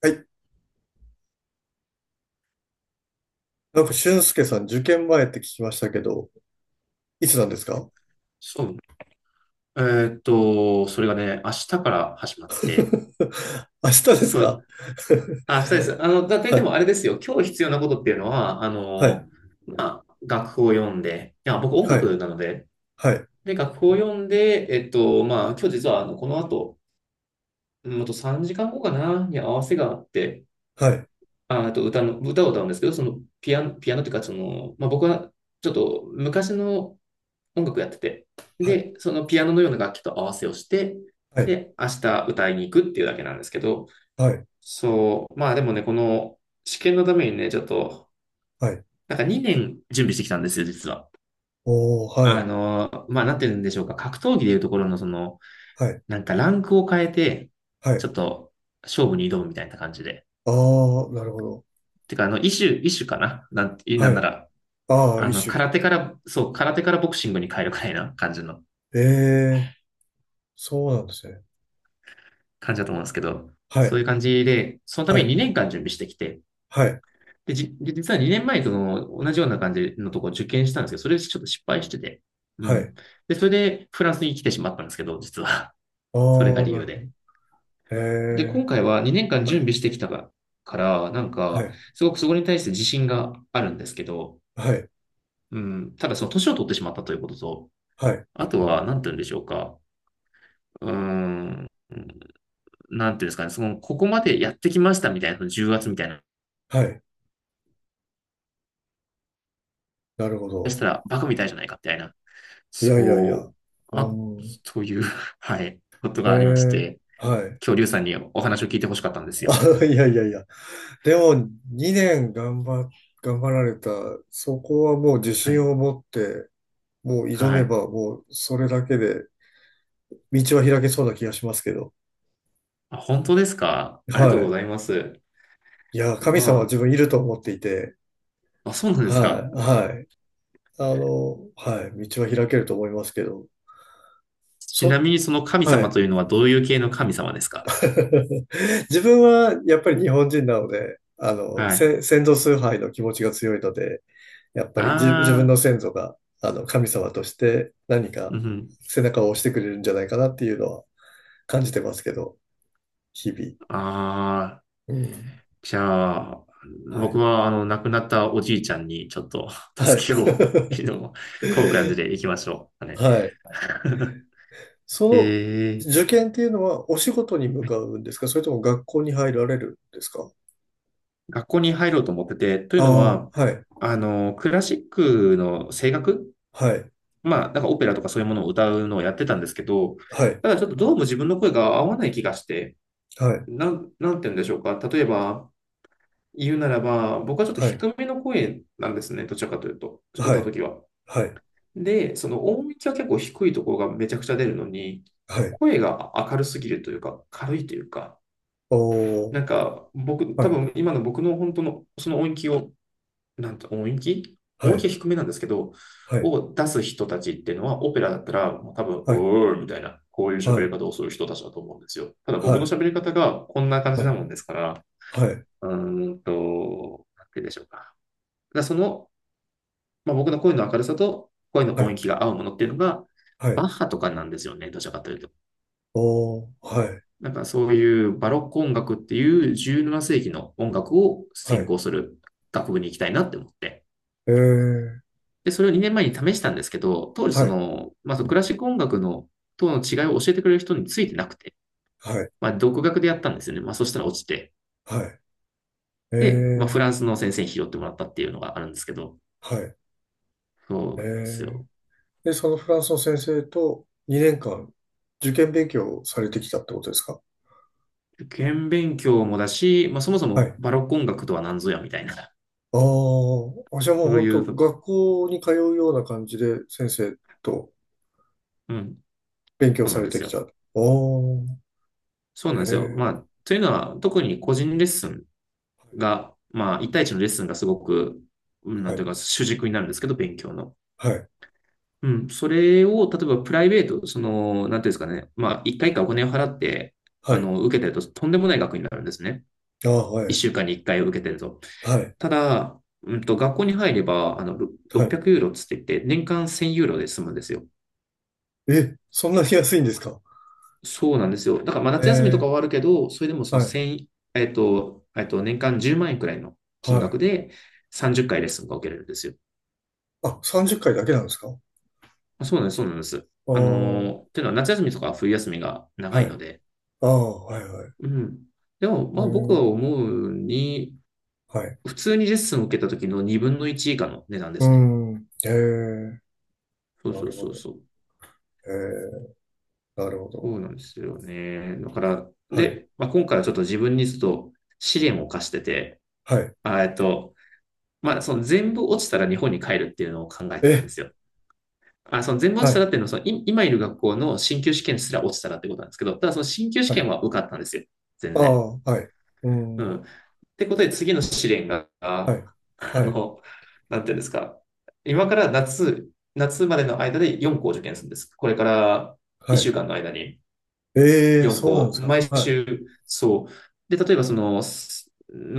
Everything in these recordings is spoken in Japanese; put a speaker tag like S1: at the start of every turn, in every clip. S1: はい。俊介さん、受験前って聞きましたけど、いつなんですか？
S2: そう。えそれがね、明日から始まって、
S1: 明日です
S2: そ
S1: か？
S2: う、あ、明日です。だ といっ
S1: は
S2: ても
S1: い、
S2: あれですよ。今日必要なことっていうのは、
S1: は
S2: まあ、楽譜を読んで、いや、僕音
S1: い、
S2: 楽なので、
S1: はい、
S2: で、楽譜を読んで、まあ、今日実は、この後、うんあと3時間後かな、に合わせがあって、
S1: はい、
S2: あ、あと歌の、歌を歌うんですけど、ピアノというか、まあ、僕は、ちょっと昔の音楽やってて、
S1: はい、
S2: で、そのピアノのような楽器と合わせをして、
S1: はい、はい、
S2: で、明日歌いに行くっていうだけなんですけど、
S1: はい、
S2: そう、まあでもね、この試験のためにね、ちょっと、
S1: はい。
S2: なんか2年準備してきたんですよ、実は。
S1: おー、はい、
S2: まあなってるんでしょうか。格闘技でいうところのその、
S1: はい、
S2: なんかランクを変えて、
S1: は
S2: ちょ
S1: い。
S2: っと勝負に挑むみたいな感じで。
S1: あー、なるほど。
S2: てか、異種かななんて、な
S1: は
S2: んな
S1: い。
S2: ら、
S1: あー、一種。
S2: 空手から、そう、空手からボクシングに変えるくらいな感じの
S1: えー、そうなんですね。
S2: 感じだと思うんですけど、
S1: は
S2: そ
S1: い、
S2: ういう感じで、そのた
S1: は
S2: めに
S1: い、
S2: 2年間準備してきて、
S1: はい、
S2: で、実は2年前との同じような感じのところを受験したんですけど、それでちょっと失敗してて、う
S1: はい。
S2: ん。で、それでフランスに来てしまったんですけど、実は。
S1: あ
S2: それが
S1: ー、
S2: 理
S1: な
S2: 由
S1: るほ
S2: で。
S1: ど。
S2: で、今
S1: え
S2: 回は2年間
S1: ー、は
S2: 準備して
S1: い、
S2: きたから、なん
S1: は
S2: か、
S1: い、
S2: すごくそこに対して自信があるんですけど、
S1: はい、
S2: うん、ただその年を取ってしまったということと、
S1: はい、
S2: あとは、なんて言うんでしょうか。うーん、なんていうんですかね、ここまでやってきましたみたいな、その重圧みたいな、
S1: はい。なるほ
S2: し
S1: ど。
S2: たらバカみたいじゃないかみたいな。
S1: いやいやいや。う
S2: そう。
S1: ー
S2: あ、
S1: ん。
S2: という はい、こと
S1: え
S2: がありまし
S1: え、
S2: て、
S1: はい。
S2: 恐竜さんにお話を聞いてほしかったんですよ。
S1: あ、いやいやいや。でも、2年頑張、頑張られた、そこはもう自
S2: は
S1: 信
S2: い。
S1: を持って、もう挑
S2: は
S1: め
S2: い。
S1: ば、もうそれだけで、道は開けそうな気がしますけど。
S2: あ、本当ですか？ありがとうご
S1: は
S2: ざいます。
S1: い。いや、神
S2: ま
S1: 様は自分いると思っていて、
S2: あ、あ、そうなんですか？
S1: はい、はい。あの、はい、道は開けると思いますけど、
S2: ちな
S1: そ、
S2: みにその神
S1: は
S2: 様と
S1: い。
S2: いうのはどういう系の神様ですか？
S1: 自分はやっぱり日本人なので、あの、
S2: はい。
S1: 先祖崇拝の気持ちが強いので、やっぱり自分
S2: あ
S1: の
S2: あ、
S1: 先祖が、あの、神様として何か
S2: うん、
S1: 背中を押してくれるんじゃないかなっていうのは感じてますけど、日々。
S2: ああ、
S1: うん。
S2: じゃあ、
S1: は
S2: 僕
S1: い。
S2: は亡くなったおじいちゃんにちょっと
S1: は
S2: 助
S1: い。
S2: けを、こういう感じで行きましょう。あ れ
S1: はい。そ の
S2: え
S1: 受験っていうのはお仕事に向か
S2: ー、
S1: うんですか？それとも学校に入られるんですか？
S2: 学校に入ろうと思ってて、という
S1: あ
S2: の
S1: あ
S2: は、
S1: ー、はい。
S2: クラシックの声楽、
S1: はい。
S2: まあ、なんかオペラとかそういうものを歌うのをやってたんですけど、
S1: はい。
S2: ただちょっとどうも自分の声が合わない気がして、
S1: はい。
S2: なんて言うんでしょうか。例えば、言うならば、僕はちょっと
S1: はい。
S2: 低めの声なんですね、どちらかというと、
S1: は
S2: 歌うと
S1: い。
S2: きは。
S1: はい。
S2: で、その音域は結構低いところがめちゃくちゃ出るのに、
S1: はい。
S2: 声が明るすぎるというか、軽いというか、
S1: おー、
S2: なんか僕、多
S1: はい、
S2: 分今の僕の本当のその音域を、なんて、音域
S1: は
S2: 音域
S1: い、
S2: は低めなんですけど、
S1: はい、
S2: を出す人たちっていうのは、オペラだったら、もう多分、
S1: はい、
S2: うーみたいな、こういう
S1: は
S2: 喋り
S1: い、
S2: 方をする人たちだと思うんですよ。ただ
S1: は
S2: 僕の喋
S1: い、
S2: り方がこんな感じ
S1: は
S2: な
S1: い、
S2: もんですから、
S1: はい、
S2: なんて言うでしょうか。だその、まあ、僕の声の明るさと声の
S1: は
S2: 音
S1: い、
S2: 域が合うものっていうのが、
S1: は
S2: バッ
S1: い、
S2: ハとかなんですよね、どちらかというと。
S1: おー、はい、
S2: なんかそういうバロック音楽っていう17世紀の音楽を
S1: は
S2: 専
S1: い、
S2: 攻する学部に行きたいなって思って。
S1: えー、
S2: で、それを2年前に試したんですけど、当時
S1: は
S2: そ
S1: い、
S2: の、まあ、そのクラシック音楽のとの違いを教えてくれる人についてなくて、
S1: はい、
S2: まあ、独学でやったんですよね。まあ、そしたら落ちて。
S1: はい、え
S2: で、まあ、フ
S1: ー、
S2: ランスの先生に拾ってもらったっていうのがあるんですけど、
S1: はい、
S2: そう
S1: え
S2: なんです
S1: ー。
S2: よ。
S1: で、そのフランスの先生と2年間受験勉強をされてきたってことですか？
S2: 受験勉強もだし、まあ、そもそ
S1: は
S2: も
S1: い。
S2: バロック音楽とは何ぞやみたいな、
S1: ああ、じゃあもう
S2: そう
S1: 本
S2: い
S1: 当
S2: う、
S1: 学校に通うような感じで先生と
S2: うん、
S1: 勉強
S2: そう
S1: さ
S2: なん
S1: れ
S2: で
S1: て
S2: す
S1: き
S2: よ。
S1: た。おー、
S2: そうなんですよ。まあ、
S1: え
S2: というのは、特に個人レッスンが、まあ、一対一のレッスンがすごく、うん、
S1: ー、
S2: なん
S1: は
S2: ていう
S1: い、
S2: か、主軸になるんですけど、勉強の。
S1: はい、
S2: うん、それを、例えばプライベート、なんていうんですかね、まあ、1回かいかお金を払って、
S1: はい、
S2: 受けてると、とんでもない額になるんですね。
S1: ああは
S2: 1週
S1: い。
S2: 間に1回を受けてると。
S1: はい。
S2: ただ、学校に入れば、
S1: はい。
S2: 600ユーロっつって言って、年間1000ユーロで済むんですよ。
S1: え、そんなに安いんですか？
S2: そうなんですよ。だから、まあ、
S1: え
S2: 夏休みとかは
S1: ー
S2: あるけど、それでもそ
S1: は
S2: の
S1: い。
S2: 1年間10万円くらいの
S1: は
S2: 金額
S1: い。
S2: で30回レッスンが受けれるんですよ。
S1: あ、30回だけなんですか？あ
S2: あそうなんです、そうなんです。
S1: あー、
S2: というのは夏休みとか冬休みが長
S1: は
S2: いの
S1: い。
S2: で、
S1: ああ、はい、はい。
S2: うん。でも、
S1: え
S2: まあ僕
S1: ー、
S2: は思うに、
S1: はい。
S2: 普通にレッスンを受けた時の2分の1以下の値段で
S1: う
S2: すね。
S1: ん。えー
S2: そう
S1: な
S2: そう
S1: るほ
S2: そう
S1: ど。
S2: そう。
S1: ええなるほ
S2: そ
S1: ど。
S2: うなんですよね。だから、
S1: はい。
S2: で、まあ、今回はちょっと自分にちょっと試練を課してて、
S1: はい。
S2: あえっと、まあその全部落ちたら日本に帰るっていうのを考えてたんで
S1: え、
S2: すよ。あ、その全部落
S1: は
S2: ちたら
S1: い。
S2: っていうのは、その今いる学校の進級試験すら落ちたらってことなんですけど、ただその進級試
S1: は
S2: 験
S1: い。
S2: は受かったんですよ。全
S1: あ
S2: 然。
S1: あ、はい。う
S2: うん。
S1: ん。
S2: ってことで次の試練が、
S1: はい。はい。
S2: なんていうんですか。今から夏までの間で4校受験するんです。これから
S1: は
S2: 1
S1: い。
S2: 週間の間に
S1: えー
S2: 4
S1: そうなんで
S2: 校、
S1: すか？
S2: 毎
S1: はい。
S2: 週、そう。で、例えばその、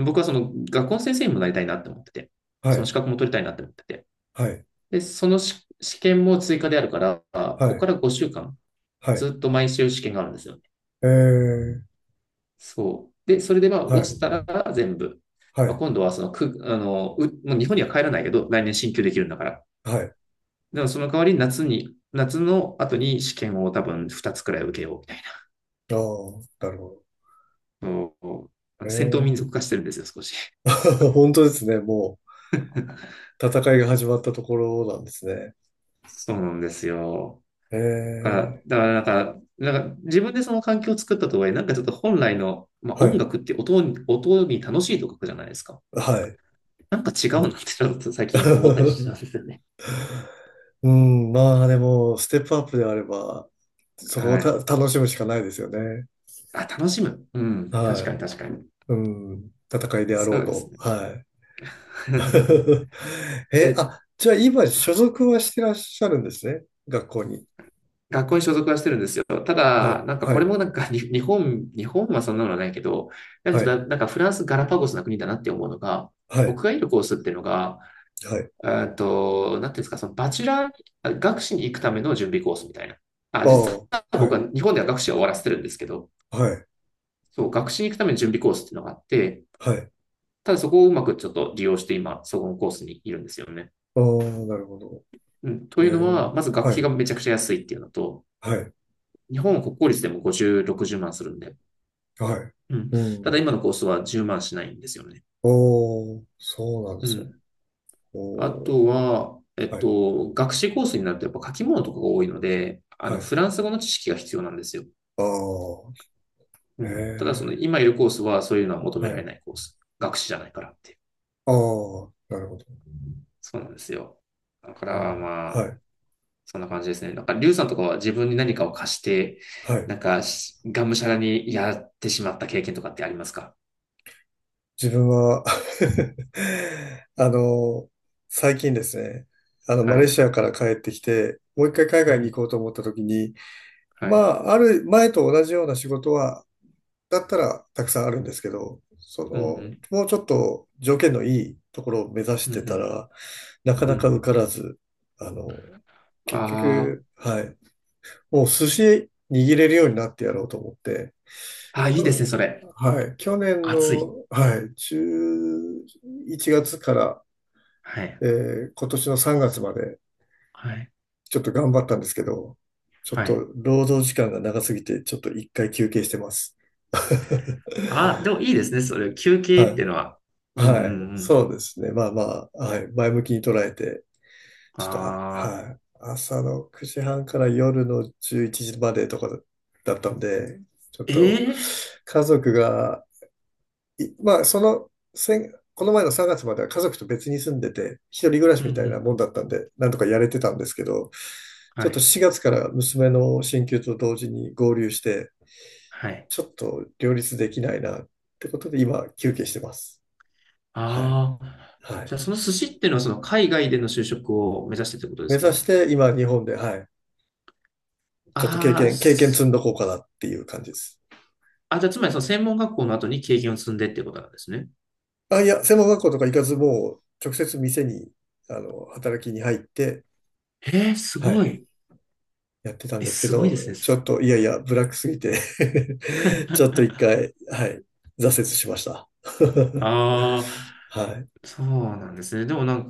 S2: 僕はその学校の先生にもなりたいなって思ってて、
S1: は
S2: その
S1: い。
S2: 資格も取りたいなって思ってて。
S1: はい。
S2: で、その試験も追加であるから、こ
S1: は
S2: こか
S1: い。
S2: ら5週間、
S1: はい。
S2: ずっと毎週試験があるんですよ。
S1: えー
S2: そう。で、それでまあ
S1: は
S2: 落ち
S1: い。
S2: たら全部。
S1: は
S2: まあ、
S1: い。
S2: 今度はそのく、あの、う、もう日本には帰らないけど、来年進級できるんだから。
S1: はい。
S2: でもその代わり夏の後に試験を多分2つくらい受けようみたいな。
S1: ああ、なるほど。え
S2: 戦闘
S1: え
S2: 民族化してるんですよ、少し。
S1: 本当ですね。も う、戦いが始まったところなんですね。
S2: そうなんですよ。
S1: え
S2: だか
S1: え、
S2: ら、なんか、自分でその環境を作ったとはいえ、なんかちょっと本来の、まあ、
S1: は
S2: 音
S1: い。
S2: 楽って音に楽しいと書くじゃないですか。
S1: はい。
S2: なんか違
S1: う
S2: うなっ
S1: ん。
S2: てちょっと最近思ったりしたんですよね。
S1: うん、まあでも、ステップアップであれば、そこを
S2: はい。
S1: 楽しむしかないですよね。
S2: あ、楽しむ。うん。確
S1: は
S2: かに
S1: い。
S2: 確かに。
S1: うん。戦いであろ
S2: そ
S1: う
S2: うです
S1: と。
S2: ね。
S1: は い。え、
S2: え、
S1: あ、じゃあ今、所属はしてらっしゃるんですね。学校に。
S2: 学校に所属はしてるんですよ。た
S1: はい。
S2: だ、なんか
S1: は
S2: これ
S1: い。
S2: もなんかに日本はそんなのはないけど、なん
S1: は
S2: かちょっ
S1: い。
S2: となんかフランスガラパゴスな国だなって思うのが、
S1: はい。
S2: 僕がいるコースっていうのが、
S1: はい。
S2: なんていうんですか、そのバチェラー学士に行くための準備コースみたいな。あ、
S1: あ
S2: 実
S1: あ、
S2: は
S1: は
S2: 僕は日
S1: い。
S2: 本では学士は終わらせてるんですけど、
S1: はい。
S2: そう、学士に行くための準備コースっていうのがあって、
S1: はい。
S2: ただそこをうまくちょっと利用して今、そこのコースにいるんですよね。
S1: ああ、なるほど。
S2: うん。と
S1: え
S2: いうの
S1: ー
S2: は、まず学
S1: は
S2: 費
S1: い。
S2: がめちゃくちゃ安いっていうのと、
S1: はい。
S2: 日本は国公立でも50、60万するんで。
S1: はい。
S2: うん。
S1: う
S2: ただ
S1: ん。
S2: 今のコースは10万しないんですよね。
S1: おー、そうなんで
S2: う
S1: すね。
S2: ん。あ
S1: おー、
S2: とは、
S1: はい、
S2: 学士コースになるとやっぱ書き物とかが多いので、
S1: はい。
S2: フランス語の知識が必要なんですよ。
S1: あー、
S2: う
S1: へ
S2: ん。ただその
S1: え、
S2: 今いるコースはそういうのは求め
S1: は
S2: られ
S1: い。
S2: ないコース。学士じゃないからっていう。
S1: あー、なるほど。へ
S2: そうなんですよ。だか
S1: え、
S2: らま
S1: は
S2: あ、
S1: い、
S2: そんな感じですね。なんか、リュウさんとかは自分に何かを貸して、
S1: はい。
S2: なんかし、がむしゃらにやってしまった経験とかってありますか？
S1: 自分は あの、最近ですね、あの、マ
S2: は
S1: レー
S2: い。
S1: シアから帰ってきて、もう一回海
S2: う
S1: 外に
S2: ん。
S1: 行こうと思った時に、
S2: は
S1: ま
S2: い。
S1: あ、ある前と同じような仕事はだったらたくさんあるんですけど、その、
S2: うん。
S1: もうちょっと条件のいいところを目指し
S2: う
S1: てた
S2: ん。
S1: ら、なか
S2: う
S1: なか
S2: ん。
S1: 受からず、あの、結
S2: ああ
S1: 局、
S2: ー。
S1: はい、もう寿司握れるようになってやろうと思って、
S2: あー、い
S1: う
S2: いです
S1: ん
S2: ね、それ。
S1: はい、去年
S2: 暑
S1: の、
S2: い。
S1: はい、11月から、
S2: はい。
S1: えー今年の3月まで
S2: はい。
S1: ちょっと頑張ったんですけど、ちょっ
S2: はい。
S1: と労働時間が長すぎて、ちょっと一回休憩してます。
S2: あー、でもいいですね、それ、休憩ってい
S1: は
S2: うのは。
S1: い
S2: うんうんう
S1: はい。
S2: ん。
S1: そうですね。まあまあ、はい。前向きに捉えて、
S2: あ
S1: ちょっと、あ、
S2: あ。
S1: はい。朝の9時半から夜の11時までとかだったんで、ちょっと、
S2: ええ、
S1: 家族が、いまあ、その、先この前の3月までは家族と別に住んでて、一人暮らし
S2: うんう
S1: みたいな
S2: ん。
S1: もんだったんで、なんとかやれてたんですけど、ちょ
S2: は
S1: っと
S2: い。
S1: 4月から娘の進級と同時に合流して、
S2: はい。
S1: ちょっと両立できないなってことで、今、休憩してます。はい。
S2: ああ。
S1: は
S2: じゃ
S1: い。
S2: あ、その寿司っていうのは、その海外での就職を目指してってことで
S1: 目
S2: す
S1: 指し
S2: か？
S1: て今日本で、はい、ちょっと
S2: ああー、
S1: 経験積んどこうかなっていう感じです。
S2: あ、じゃあ、つまりその専門学校の後に経験を積んでってことなんですね。
S1: あ、いや、専門学校とか行かずもう直接店に、あの、働きに入って、
S2: えー、す
S1: は
S2: ご
S1: い、
S2: い。
S1: やってたん
S2: え、
S1: ですけ
S2: すごいで
S1: ど、
S2: すね。
S1: ちょっと、いやいや、ブラックすぎて ちょっと一 回、はい、挫折しました。
S2: ああ。
S1: はい、
S2: そうなんですね。でもなん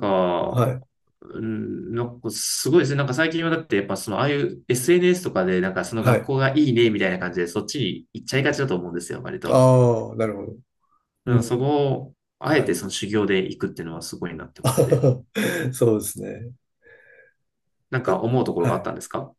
S1: は
S2: か、
S1: い、
S2: うん、なんかすごいですね。なんか最近はだってやっぱそのああいう SNS とかでなんかその
S1: は
S2: 学
S1: い。
S2: 校がいいねみたいな感じでそっちに行っちゃいがちだと思うんですよ、割と。
S1: ああ、なるほど。
S2: う
S1: う
S2: ん、そ
S1: ん、
S2: こをあえ
S1: はい。
S2: てその修行で行くっていうのはすごいなって思って。
S1: そうですね。
S2: なんか
S1: だ
S2: 思うところ
S1: は
S2: があった
S1: い。
S2: んですか？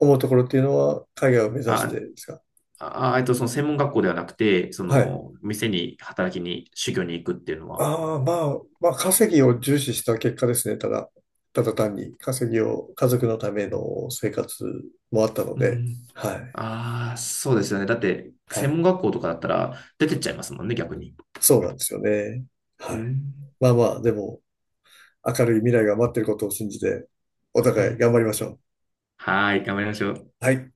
S1: 思うところっていうのは、海外を目指して
S2: あ、
S1: ですか？
S2: その専門学校ではなくて、そ
S1: はい。
S2: の店に働きに修行に行くっていうのは。
S1: ああ、まあ、まあ、稼ぎを重視した結果ですね。ただ、ただ単に稼ぎを、家族のための生活もあったの
S2: う
S1: で、
S2: ん。
S1: はい、
S2: ああ、そうですよね。だって
S1: は
S2: 専
S1: い。
S2: 門学校とかだったら出てっちゃいますもんね、逆に。
S1: そうなんですよね。
S2: う
S1: はい。
S2: ん。
S1: まあまあ、でも、明るい未来が待ってることを信じて、お
S2: は
S1: 互い
S2: い。
S1: 頑張りましょう。
S2: はい、頑張りましょう。
S1: はい。